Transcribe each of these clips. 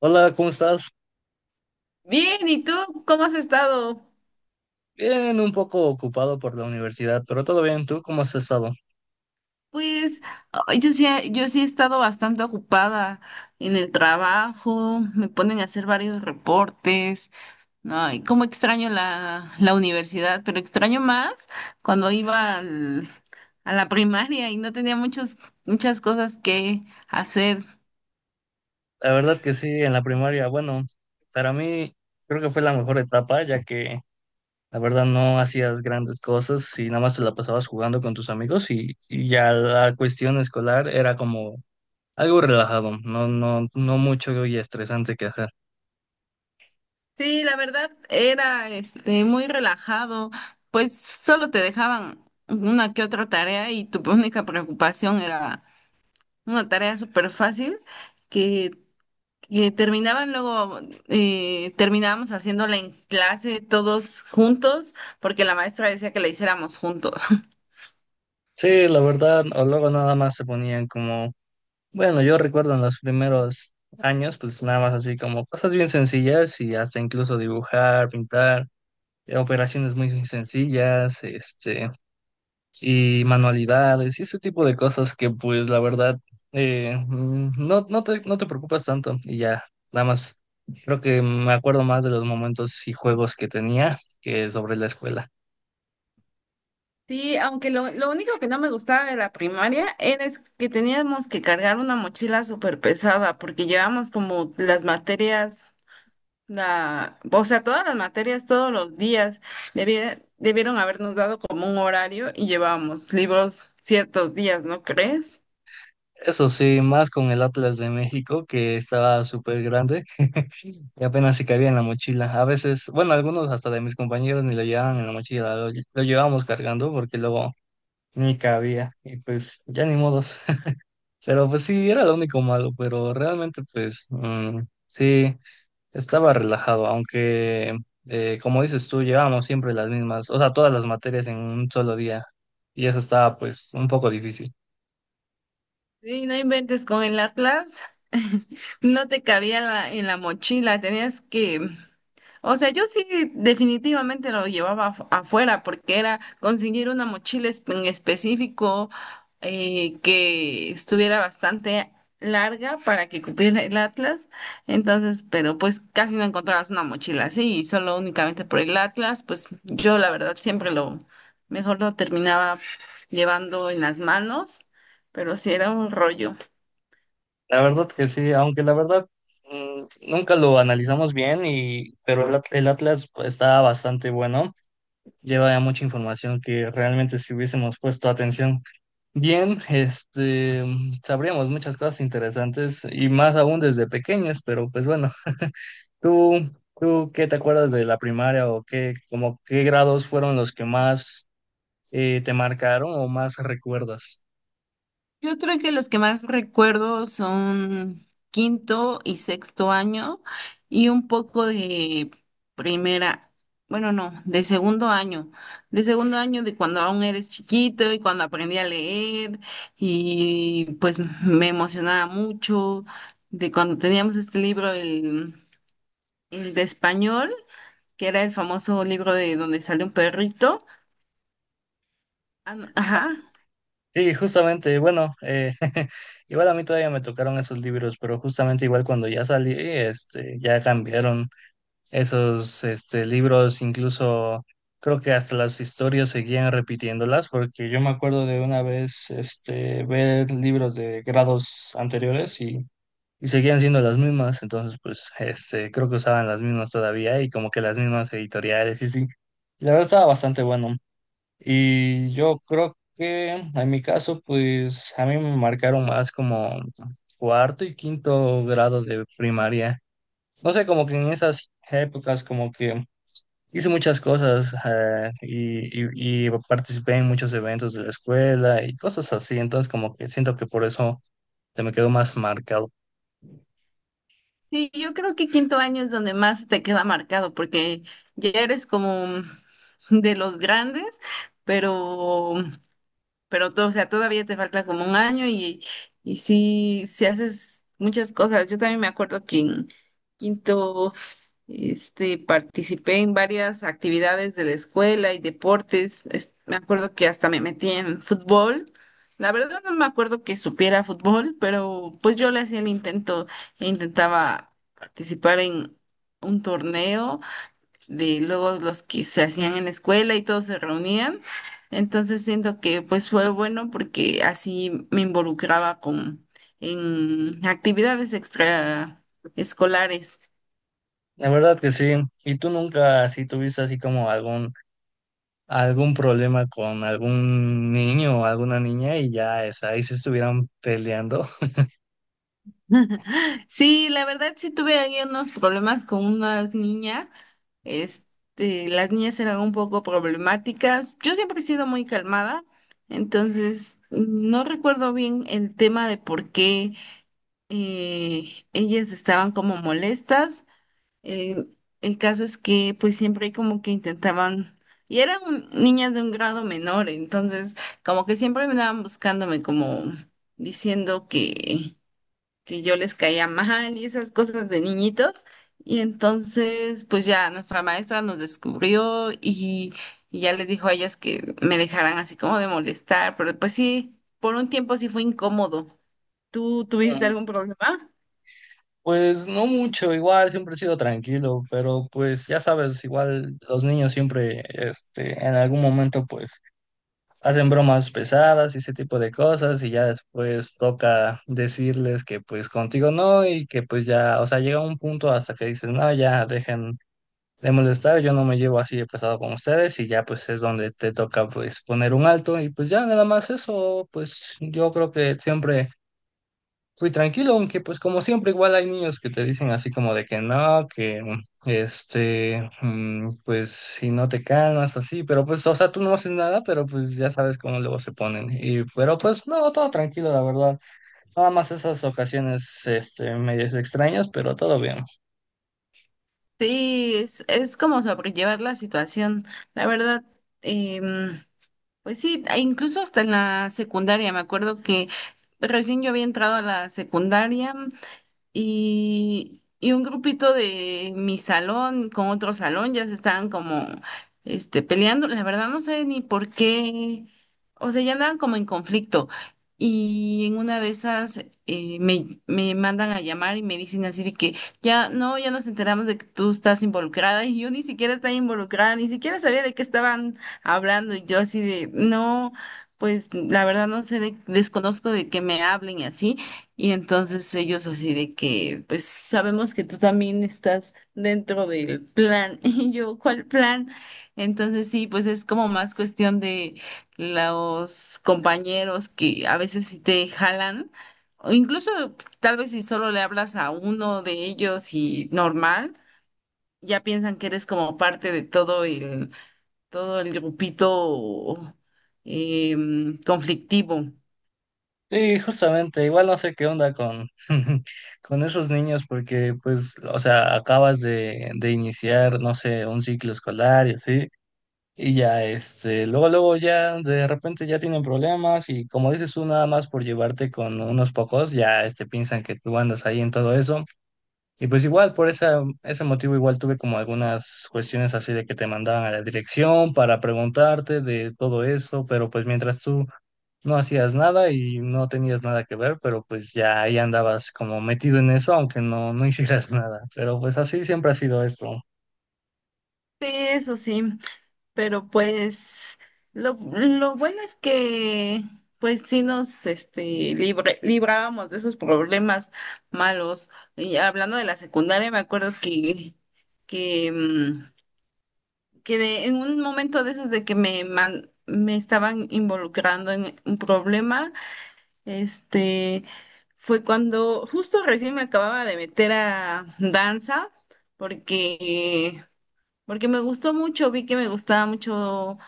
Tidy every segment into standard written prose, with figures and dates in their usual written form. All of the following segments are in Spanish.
Hola, ¿cómo estás? Bien, ¿y tú cómo has estado? Bien, un poco ocupado por la universidad, pero todo bien. ¿Tú cómo has estado? Pues ay, yo sí, yo sí he estado bastante ocupada en el trabajo, me ponen a hacer varios reportes. Ay, cómo extraño la universidad, pero extraño más cuando a la primaria y no tenía muchas cosas que hacer. La verdad que sí, en la primaria, bueno, para mí creo que fue la mejor etapa, ya que la verdad no hacías grandes cosas y nada más te la pasabas jugando con tus amigos y ya la cuestión escolar era como algo relajado, no, no, no mucho y estresante que hacer. Sí, la verdad, era muy relajado, pues solo te dejaban una que otra tarea y tu única preocupación era una tarea súper fácil que, que terminaban luego, terminábamos haciéndola en clase todos juntos porque la maestra decía que la hiciéramos juntos. Sí, la verdad, o luego nada más se ponían como bueno, yo recuerdo en los primeros años, pues nada más así como cosas bien sencillas y hasta incluso dibujar, pintar, operaciones muy sencillas, y manualidades y ese tipo de cosas que pues la verdad no, no te preocupas tanto y ya, nada más creo que me acuerdo más de los momentos y juegos que tenía que sobre la escuela. Sí, aunque lo único que no me gustaba de la primaria era es que teníamos que cargar una mochila súper pesada porque llevamos como las materias, o sea, todas las materias todos los días. Debieron habernos dado como un horario y llevábamos libros ciertos días, ¿no crees? Eso sí, más con el Atlas de México que estaba súper grande. Y apenas se cabía en la mochila. A veces, bueno, algunos hasta de mis compañeros ni lo llevaban en la mochila, lo llevábamos cargando porque luego ni cabía. Y pues ya ni modos. Pero pues sí, era lo único malo, pero realmente pues mm, sí, estaba relajado, aunque como dices tú, llevábamos siempre las mismas, o sea, todas las materias en un solo día. Y eso estaba pues un poco difícil. Sí, no inventes con el Atlas. No te cabía en la mochila, tenías que, o sea, yo sí definitivamente lo llevaba afuera, porque era conseguir una mochila en específico que estuviera bastante larga para que cupiera el Atlas. Entonces, pero pues casi no encontrabas una mochila así y solo únicamente por el Atlas, pues yo la verdad siempre lo mejor lo terminaba llevando en las manos, pero sí era un rollo. La verdad que sí, aunque la verdad mm, nunca lo analizamos bien, pero el Atlas está bastante bueno, lleva ya mucha información que realmente si hubiésemos puesto atención bien, sabríamos muchas cosas interesantes y más aún desde pequeños, pero pues bueno, ¿tú, ¿tú qué te acuerdas de la primaria o qué, como qué grados fueron los que más te marcaron o más recuerdas? Yo creo que los que más recuerdo son quinto y sexto año y un poco de primera, bueno, no, de segundo año, de segundo año de cuando aún eres chiquito y cuando aprendí a leer y pues me emocionaba mucho de cuando teníamos este libro, el de español, que era el famoso libro de donde sale un perrito. Ah, no, ajá. Sí, justamente, bueno, igual a mí todavía me tocaron esos libros, pero justamente igual cuando ya salí, ya cambiaron esos, libros, incluso creo que hasta las historias seguían repitiéndolas, porque yo me acuerdo de una vez, ver libros de grados anteriores y seguían siendo las mismas, entonces, pues, creo que usaban las mismas todavía y como que las mismas editoriales y sí. La verdad estaba bastante bueno, y yo creo que en mi caso, pues a mí me marcaron más como cuarto y quinto grado de primaria. No sé, como que en esas épocas como que hice muchas cosas y participé en muchos eventos de la escuela y cosas así. Entonces como que siento que por eso se me quedó más marcado. Sí, yo creo que quinto año es donde más te queda marcado, porque ya eres como de los grandes, pero, pero todo, o sea, todavía te falta como un año y sí, sí haces muchas cosas. Yo también me acuerdo que en quinto. Participé en varias actividades de la escuela y deportes. Me acuerdo que hasta me metí en fútbol. La verdad no me acuerdo que supiera fútbol, pero pues yo le hacía el intento e intentaba participar en un torneo de luego los que se hacían en la escuela y todos se reunían. Entonces siento que pues fue bueno porque así me involucraba con en actividades extraescolares. La verdad que sí. ¿Y tú nunca así tuviste así como algún problema con algún niño o alguna niña y ya es ahí se estuvieran peleando? Sí, la verdad sí tuve ahí unos problemas con una niña. Este, las niñas eran un poco problemáticas. Yo siempre he sido muy calmada, entonces no recuerdo bien el tema de por qué eh, ellas estaban como molestas. El caso es que pues siempre como que intentaban, y eran niñas de un grado menor, entonces como que siempre me andaban buscándome como diciendo que yo les caía mal y esas cosas de niñitos. Y entonces, pues ya nuestra maestra nos descubrió y ya les dijo a ellas que me dejaran así como de molestar, pero pues sí, por un tiempo sí fue incómodo. ¿Tú tuviste Mm. algún problema? Pues no mucho, igual siempre he sido tranquilo, pero pues ya sabes, igual los niños siempre en algún momento pues hacen bromas pesadas y ese tipo de cosas y ya después toca decirles que pues contigo no y que pues ya, o sea, llega un punto hasta que dices, "No, ya dejen de molestar, yo no me llevo así de pesado con ustedes y ya pues es donde te toca pues poner un alto y pues ya nada más eso, pues yo creo que siempre fui tranquilo, aunque pues como siempre igual hay niños que te dicen así como de que no, que pues si no te calmas así, pero pues o sea tú no haces nada, pero pues ya sabes cómo luego se ponen y pero pues no, todo tranquilo la verdad, nada más esas ocasiones medias extrañas, pero todo bien. Sí, es como sobrellevar la situación. La verdad, em, pues sí, e incluso hasta en la secundaria, me acuerdo que recién yo había entrado a la secundaria. Y un grupito de mi salón con otro salón ya se estaban como peleando. La verdad no sé ni por qué. O sea, ya andaban como en conflicto. Y en una de esas me mandan a llamar y me dicen así de que ya no, ya nos enteramos de que tú estás involucrada y yo ni siquiera estaba involucrada, ni siquiera sabía de qué estaban hablando. Y yo así de, no, pues la verdad no sé, desconozco de que me hablen y así. Y entonces ellos así de que, pues sabemos que tú también estás dentro del plan. Y yo, ¿cuál plan? Entonces sí, pues es como más cuestión de los compañeros que a veces sí te jalan. O incluso tal vez si solo le hablas a uno de ellos y normal, ya piensan que eres como parte de todo el grupito conflictivo. Sí, justamente, igual no sé qué onda con, con esos niños porque pues, o sea, de iniciar, no sé, un ciclo escolar y así, y ya, luego ya de repente ya tienen problemas y como dices tú, nada más por llevarte con unos pocos, ya, piensan que tú andas ahí en todo eso, y pues igual, ese motivo igual tuve como algunas cuestiones así de que te mandaban a la dirección para preguntarte de todo eso, pero pues mientras tú no hacías nada y no tenías nada que ver, pero pues ya ahí andabas como metido en eso, aunque no, no hicieras nada. Pero pues así siempre ha sido esto. Sí, eso sí. Pero pues lo bueno es que pues sí nos librábamos de esos problemas malos. Y hablando de la secundaria, me acuerdo que, mm, que en un momento de esos de que me estaban involucrando en un problema, este, fue cuando justo recién me acababa de meter a danza, porque porque me gustó mucho, vi que me gustaba mucho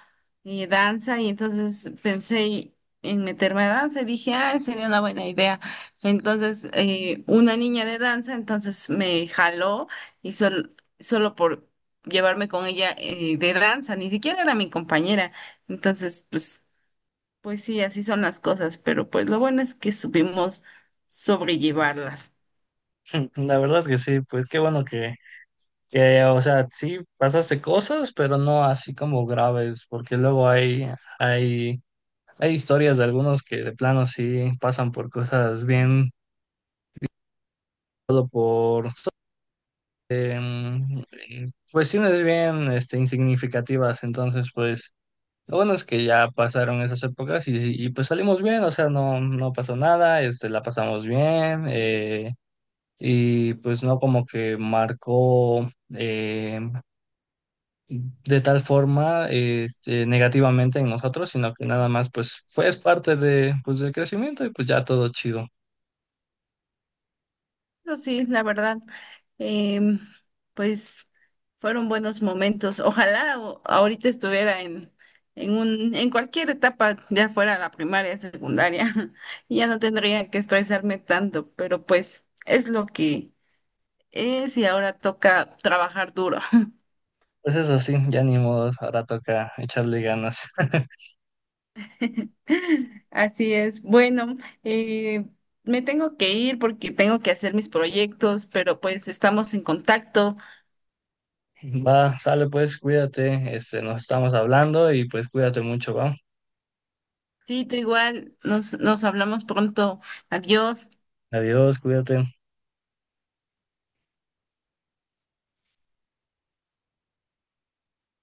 danza y entonces pensé en meterme a danza y dije, ah, sería una buena idea. Entonces, una niña de danza, entonces me jaló y solo por llevarme con ella de danza, ni siquiera era mi compañera. Entonces, pues sí, así son las cosas, pero pues lo bueno es que supimos sobrellevarlas. La verdad es que sí, pues qué bueno que, o sea, sí pasaste cosas, pero no así como graves, porque luego hay, hay historias de algunos que de plano sí pasan por cosas bien, solo por em, cuestiones bien, insignificativas. Entonces, pues lo bueno es que ya pasaron esas épocas y pues salimos bien, o sea, no, no pasó nada, la pasamos bien, y pues no como que marcó eh, de tal forma negativamente en nosotros, sino que nada más pues fue es parte de, pues, del crecimiento y pues ya todo chido. Eso sí, la verdad, em, pues fueron buenos momentos. Ojalá ahorita estuviera en cualquier etapa, ya fuera la primaria, secundaria, y ya no tendría que estresarme tanto, pero pues es lo que es y ahora toca trabajar duro. Pues eso sí, ya ni modo, ahora toca echarle ganas. Así es. Bueno, eh, me tengo que ir porque tengo que hacer mis proyectos, pero pues estamos en contacto. Va, sale pues, cuídate, nos estamos hablando y pues cuídate mucho, va. Sí, tú igual. Nos hablamos pronto. Adiós. Adiós, cuídate.